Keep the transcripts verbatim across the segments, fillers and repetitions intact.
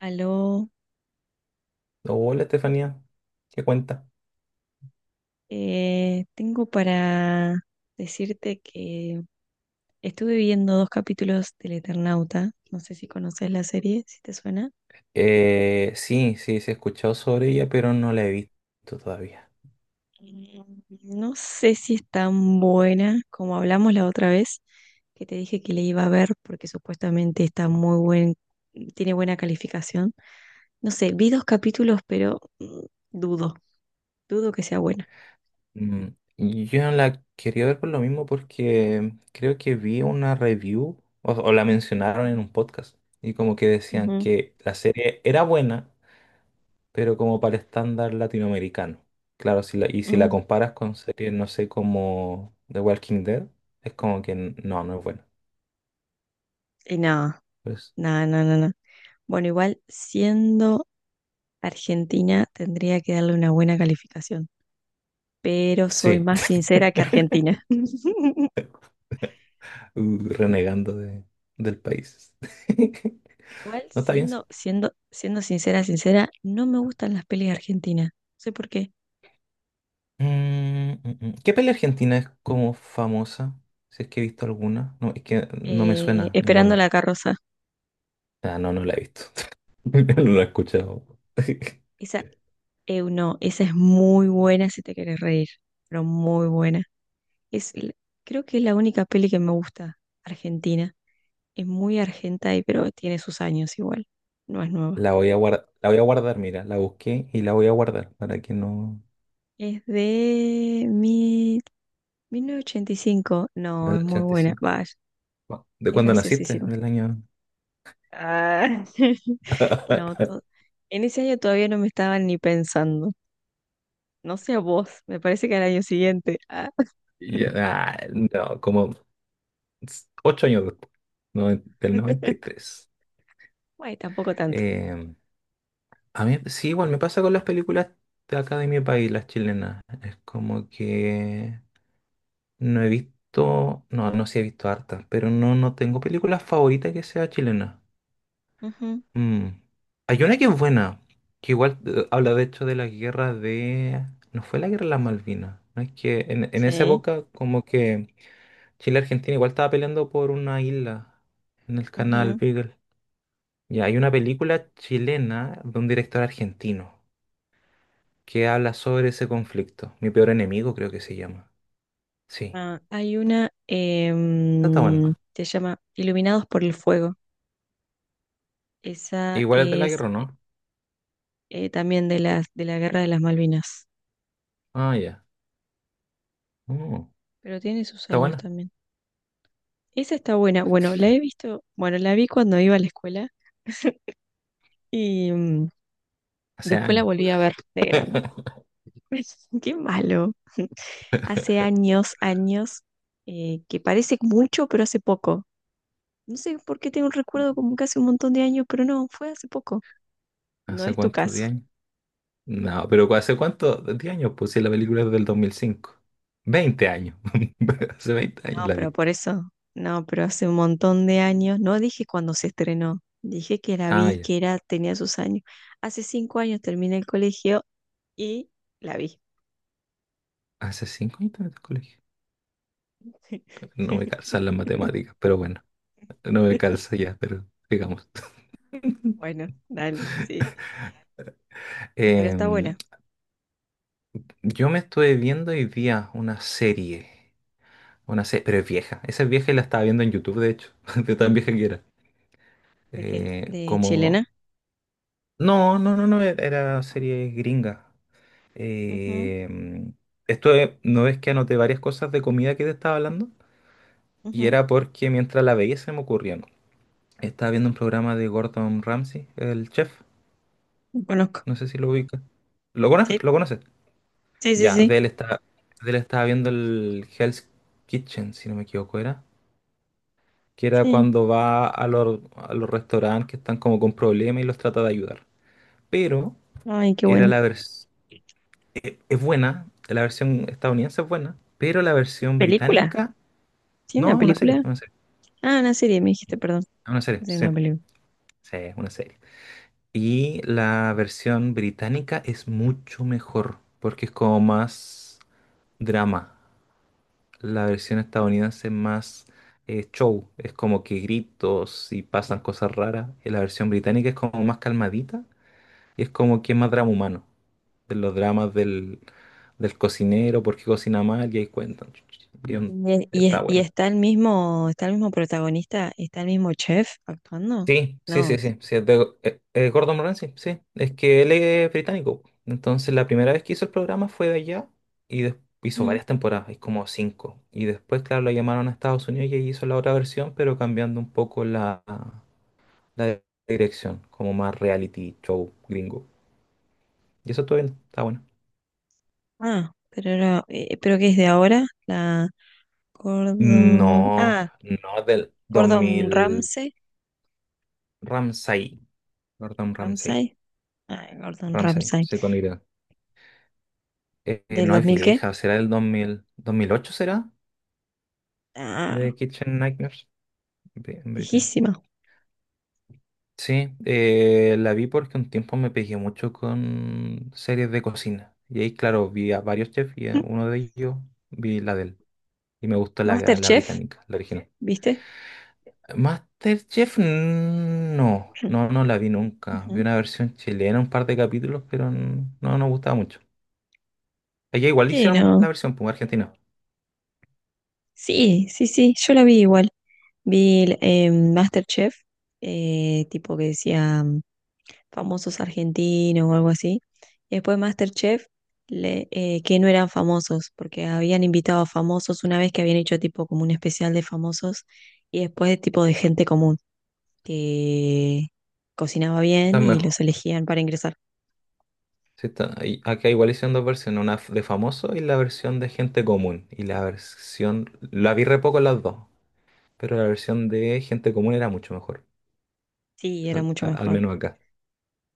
Aló. No, hola, Estefanía. ¿Qué cuenta? Eh, tengo para decirte que estuve viendo dos capítulos del Eternauta. No sé si conoces la serie, si te suena. Eh, sí, sí, sí he escuchado sobre ella, pero no la he visto todavía. Mm, no sé si es tan buena como hablamos la otra vez, que te dije que le iba a ver porque supuestamente está muy buen, tiene buena calificación. No sé, vi dos capítulos, pero mm, dudo, dudo que sea buena. Mm, yo no la quería ver por lo mismo, porque creo que vi una review o, o la mencionaron en un podcast, y como que decían Ujú, que la serie era buena, pero como para el estándar latinoamericano. Claro, si la- y si la ujú. comparas con series, no sé, como The Walking Dead, es como que n- no, no es buena. Y nada, Pues nada, nada, nada. Bueno, igual siendo Argentina tendría que darle una buena calificación, pero soy sí. más sincera que Argentina. Uh, renegando de- del país. Igual, No, está bien, sí. siendo, siendo, siendo sincera, sincera, no me gustan las pelis argentinas. No sé por qué. Mm, mm, mm. ¿Qué peli argentina es como famosa? Si es que he visto alguna. No, es que no me Eh, suena Esperando ninguna. la carroza. Ah, no, no la he visto. No la he escuchado. Esa, eh, no, esa es muy buena si te quieres reír, pero muy buena. Es, l- creo que es la única peli que me gusta, argentina. Es muy argenta y pero tiene sus años igual. No es nueva. La voy a guardar, la voy a guardar, mira, la busqué y la voy a guardar para que no... Es de mil novecientos ochenta y cinco, no, Del es muy buena, ochenta y cinco. vaya, Cu- ¿De es cuándo naciste? graciosísima. Del año... Ah, No, to- En ese año todavía no me estaban ni pensando. No sé a vos, me parece que al año siguiente. Ah. Y yo, ah, no, como s- ocho años después, no, del noventa y tres Bueno, tampoco tanto. Em, A mí, sí, igual me pasa con las películas de acá de mi país, las chilenas. Es como que no he visto, no, no sí he visto hartas, pero no, no tengo película favorita que sea chilena. Ujú, Mm. Hay una que es buena, que igual eh, habla de hecho de la guerra de... No fue la guerra de las Malvinas, ¿no? Es que en, en esa sí, época como que Chile y Argentina igual estaba peleando por una isla en el canal ujú. Beagle. Y hay una película chilena de un director argentino que habla sobre ese conflicto. Mi peor enemigo, creo que se llama. Sí. Ah, hay una Está, está bueno. em, se llama Iluminados por el Fuego. Esa Igual es de la es guerra, eh, ¿no? eh, también de las de la Guerra de las Malvinas, Ah, ya. Mm, pero tiene sus está años buena. también. Esa está buena. Bueno, la he visto, bueno, la vi cuando iba a la escuela y mm, Hace después la años. volví a ver de grande. Qué malo. Hace años, años, eh, que parece mucho, pero hace poco. No sé por qué tengo un recuerdo como que hace un montón de años, pero no, fue hace poco. No ¿Hace es tu cuántos? caso. ¿diez años? No, pero ¿hace cuántos? ¿diez años? Pues si la película es del dos mil cinco. veinte años. Hace veinte años No, la pero viste. por eso. No, pero hace un montón de años. No dije cuando se estrenó. Dije que la Ah, vi, ya. que era, tenía sus años. Hace cinco años terminé el colegio y la vi. Hace cinco años estaba en el colegio. No me calzan las matemáticas, pero bueno, no me calza ya, pero digamos. Bueno, dale, sí. Pero está Em, buena. yo me estuve viendo hoy día una serie. Una, no sé, pero es vieja. Esa es vieja y la estaba viendo en YouTube, de hecho, de tan vieja que era. ¿De qué? Eh, ¿De chilena? como... No, no, no, no, e- era serie gringa. Ujú, Eh, mm, esto es- no, es que anoté varias cosas de comida que te estaba hablando, y ujú. era porque mientras la veía se me ocurrían. Estaba viendo un programa de Gordon Ramsay, el chef, Lo conozco. no sé si lo ubica. ¿Lo Sí, conoces? ¿Lo conoces? sí, sí, Ya, sí. de él está, de él estaba viendo el Hell's Kitchen, si no me equivoco, era. Que era Sí. cuando va a los, a los restaurantes que están como con problemas y los trata de ayudar. Pero Ay, qué era bueno. la versión, es buena, la versión estadounidense es buena, pero la versión ¿Película? británica, ¿Sí, una no, una serie, película? una serie, Ah, una serie, me dijiste, perdón. una serie, Pensé en sí, una película. sí, es una serie. Y la versión británica es mucho mejor, porque es como más drama. La versión estadounidense es más eh, show, es como que gritos y pasan cosas raras. Y la versión británica es como más calmadita, y es como que es más drama humano. De los dramas del, del cocinero, por qué cocina mal, y ahí cuentan. Y un- Y, es- y Está y buena. está el mismo, ¿está el mismo protagonista? ¿Está el mismo chef actuando? Sí, sí, No. sí, sí, sí, es de, eh, eh, Gordon Ramsay, sí, sí. Es que él es británico. Entonces la primera vez que hizo el programa fue de allá, y des- hizo Ujú. varias temporadas, hay como cinco. Y después, claro, lo llamaron a Estados Unidos y ahí hizo la otra versión, pero cambiando un poco la, la dirección, como más reality show gringo. Y eso, todo bien, está bueno. Ah, pero era, eh, ¿pero qué es de ahora? La Gordon. No, Ah, no, del dos Gordon mil Ramsay. Ramsay, Gordon Ramsay. Ramsay. Ah, Gordon Ramsay, Ramsay. sí, con Y. Eh, eh, ¿Del no dos es mil qué? vieja, será del dos dos mil dos mil ocho, ¿será? De Ah, Kitchen Nightmares, Bri- en Britain. viejísima. Sí, eh, la vi porque un tiempo me pegué mucho con series de cocina. Y ahí, claro, vi a varios chefs y a uno de ellos vi la de él. Y me gustó la, la MasterChef, británica, la original. ¿viste? MasterChef, no, no, no la vi nunca. Vi Ujú. una versión chilena, un par de capítulos, pero n- no nos gustaba mucho. Allá ¿Por igual qué hicieron la no? versión, pues, argentina. Sí, sí, sí, yo la vi igual. Vi el, eh, MasterChef, eh, tipo que decía mm, famosos argentinos o algo así. Y después MasterChef, le- eh, que no eran famosos, porque habían invitado a famosos una vez que habían hecho tipo como un especial de famosos y después tipo de gente común que cocinaba Está bien y mejor. los elegían para ingresar. Sí, está- y acá igual hicieron dos versiones, una de famoso y la versión de gente común. Y la versión, la vi re poco las dos, pero la versión de gente común era mucho mejor, Sí, era al, mucho a- al mejor. menos acá.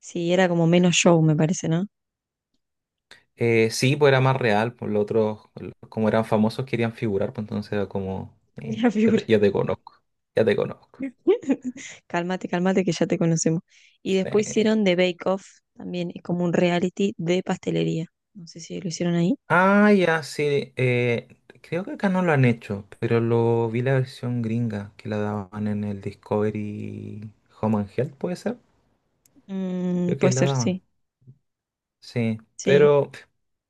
Sí, era como menos show, me parece, ¿no? Eh, sí, pues era más real, pues los otros, como eran famosos, querían figurar, pues entonces era como, eh, Mira, ya figura. te ya te conozco, ya te conozco. Cálmate, cálmate, que ya te conocemos. Y después Sí. hicieron The Bake Off, también es como un reality de pastelería. No sé si lo hicieron ahí. Ah, ya, sí, eh, creo que acá no lo han hecho, pero lo vi la versión gringa, que la daban en el Discovery Home and Health, ¿puede ser? Mm, Creo que puede la ser, daban. sí. Sí. Sí. Pero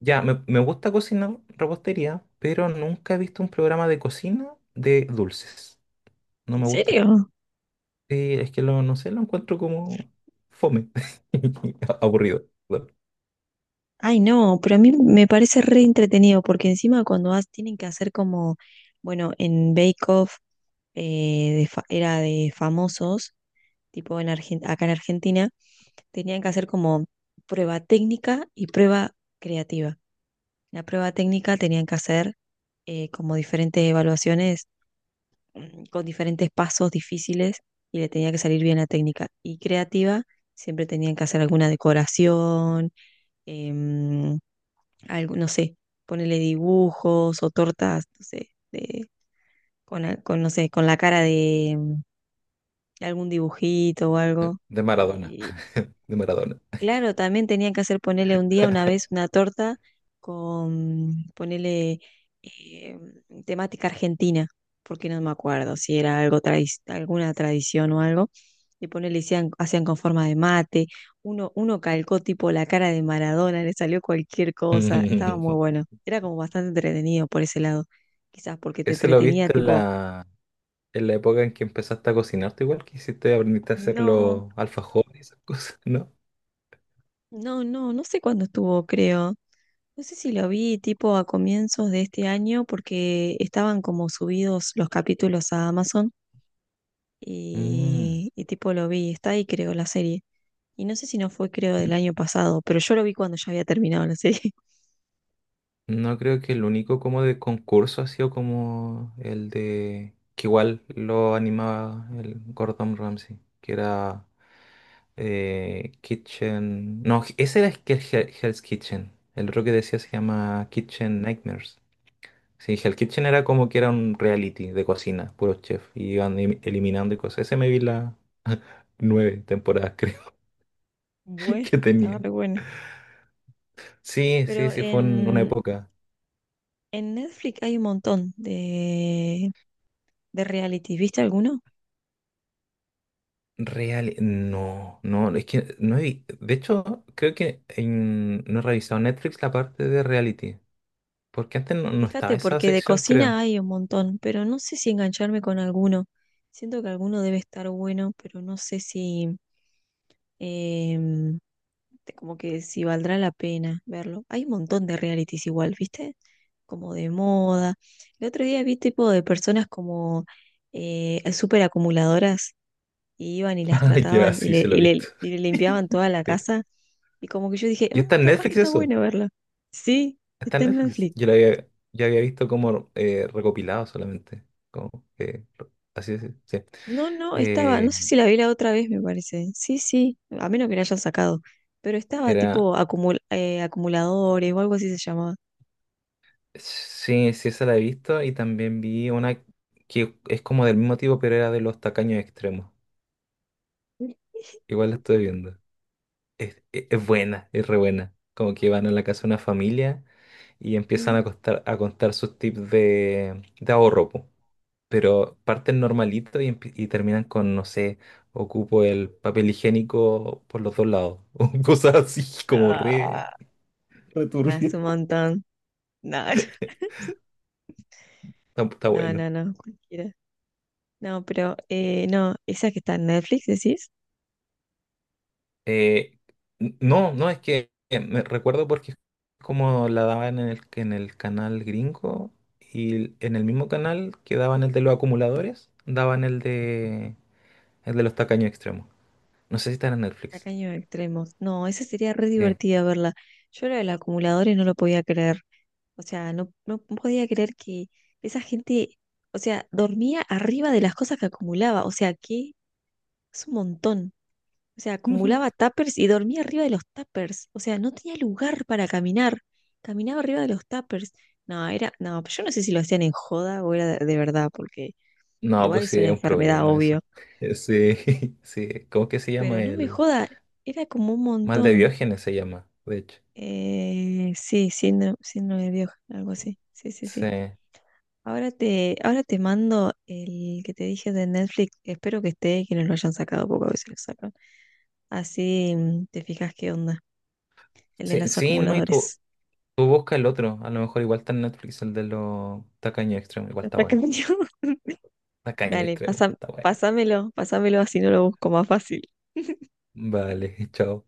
ya, me, me gusta cocinar repostería, pero nunca he visto un programa de cocina de dulces. No ¿En me gustan. serio? Sí, es que lo, no sé, lo encuentro como fome. Aburrido. Bueno, Ay, no, pero a mí me parece re entretenido, porque encima cuando has- tienen que hacer como, bueno, en Bake Off eh, de fa- era de famosos, tipo en Argen- acá en Argentina, tenían que hacer como prueba técnica y prueba creativa. La prueba técnica tenían que hacer eh, como diferentes evaluaciones mm, con diferentes pasos difíciles y le tenía que salir bien la técnica. Y creativa, siempre tenían que hacer alguna decoración, em, algo, no sé, ponerle dibujos o tortas, no sé, de- con, a- con, no sé, con la cara de, mm, algún dibujito o algo. de Maradona. Y, De Maradona. claro, también tenían que hacer ponerle un día, una vez, una torta con ponerle eh, temática argentina, porque no me acuerdo si era algo tradi- alguna tradición o algo, y ponerle hacían, hacían con forma de mate, uno, uno calcó tipo la cara de Maradona, le salió cualquier cosa, estaba muy bueno, era como bastante entretenido por ese lado, quizás porque te Ese lo entretenía viste en tipo, la, en la época en que empezaste a cocinarte, igual que hiciste, aprendiste a hacer no, los alfajores y esas cosas, ¿no? no, no, no sé cuándo estuvo, creo. No sé si lo vi tipo a comienzos de este año porque estaban como subidos los capítulos a Amazon Mm, y, y tipo lo vi, está ahí creo la serie. Y no sé si no fue creo del n- año pasado, pero yo lo vi cuando ya había terminado la serie. no creo. Que el único como de concurso ha sido como el de que igual lo animaba el Gordon Ramsay, que era eh, Kitchen. No, ese era el que Hell- Hell's Kitchen. El otro que decía se llama Kitchen Nightmares. Sí, Hell Kitchen era como que era un reality de cocina, puros chefs, y iban elim- eliminando y cosas. Ese me vi las nueve temporadas, creo, Bueno, que estaba tenía. re bueno. Sí, sí, Pero sí, fue en una en, época. en Netflix hay un montón de, ¿de reality? ¿Viste alguno? Real, no, no, es que no he vi- de hecho, creo que en- no he revisado Netflix la parte de reality, porque antes no, no estaba Fíjate, esa porque de sección, cocina creo. hay un montón, pero no sé si engancharme con alguno. Siento que alguno debe estar bueno, pero no sé si, em, te- como que si valdrá la pena verlo. Hay un montón de realities igual, ¿viste? Como de moda. El otro día vi tipo de personas como eh, súper acumuladoras y iban y las Ah, ya, trataban y sí, le, se lo he y le, visto. y le limpiaban toda la Sí. casa. Y como que yo dije, ¿Y "Mm, está en capaz que Netflix está eso? bueno verlo." Sí, Está en está en Netflix. Netflix. Yo la había, yo había visto como eh, recopilado solamente. Como que, así es, sí, sí. No, no, estaba, Eh, no sé si la vi la otra vez, me parece. Sí, sí, a menos que la hayan sacado. Pero estaba era, tipo acumul- eh, acumuladores o algo así se llamaba. sí, sí, esa la he visto, y también vi una que es como del mismo tipo, pero era de los tacaños extremos. Igual la estoy viendo. Es, es- es buena, es re buena. Como que van a la casa de una familia y empiezan Mm. a, costar, a contar sus tips de, de ahorro, po. Pero parten normalito y, empie- y terminan con, no sé, ocupo el papel higiénico por los dos lados, o cosas así como No, re... Re no, es turbio. un montón. No, Está, está no, bueno. no, no, cualquiera. No, pero eh, no, esa que está en Netflix, decís, Eh, n- no, no, es que eh, me recuerdo porque es como la daban en el, en el canal gringo, y en el mismo canal que daban el de los acumuladores, daban el de, el de los tacaños extremos. No sé si está en Netflix. Tacaños Extremos. No, esa sería re Sí. divertida verla. Yo lo del acumuladores no lo podía creer. O sea, no, no no podía creer que esa gente, o sea, dormía arriba de las cosas que acumulaba. O sea, que es un montón. O sea, acumulaba tuppers y dormía arriba de los tuppers. O sea, no tenía lugar para caminar. Caminaba arriba de los tuppers. No, era, no, pero yo no sé si lo hacían en joda o era de, de verdad, porque No, igual pues es sí, una es un enfermedad, problema eso. obvio. Sí, sí. ¿Cómo que se Pero llama? no me El joda, era como un mal de montón. Diógenes se llama, de hecho. Eh, sí, síndrome, síndrome de Dios, algo así. Sí, sí, Sí, sí. Ahora te, ahora te mando el que te dije de Netflix. Espero que esté, que no lo hayan sacado, porque a veces lo sacan. Así mm, te fijas qué onda. El de sí, los sí, ¿no? Y tú, acumuladores. tú busca el otro. A lo mejor igual está en Netflix, el de los tacaños extremos. Igual Lo está bueno. sacan yo. Tacaño Dale, extremo, pasa, está bueno. pásamelo, pásamelo así no lo busco más fácil. Vale, chao.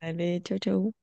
Dale, chau, chau.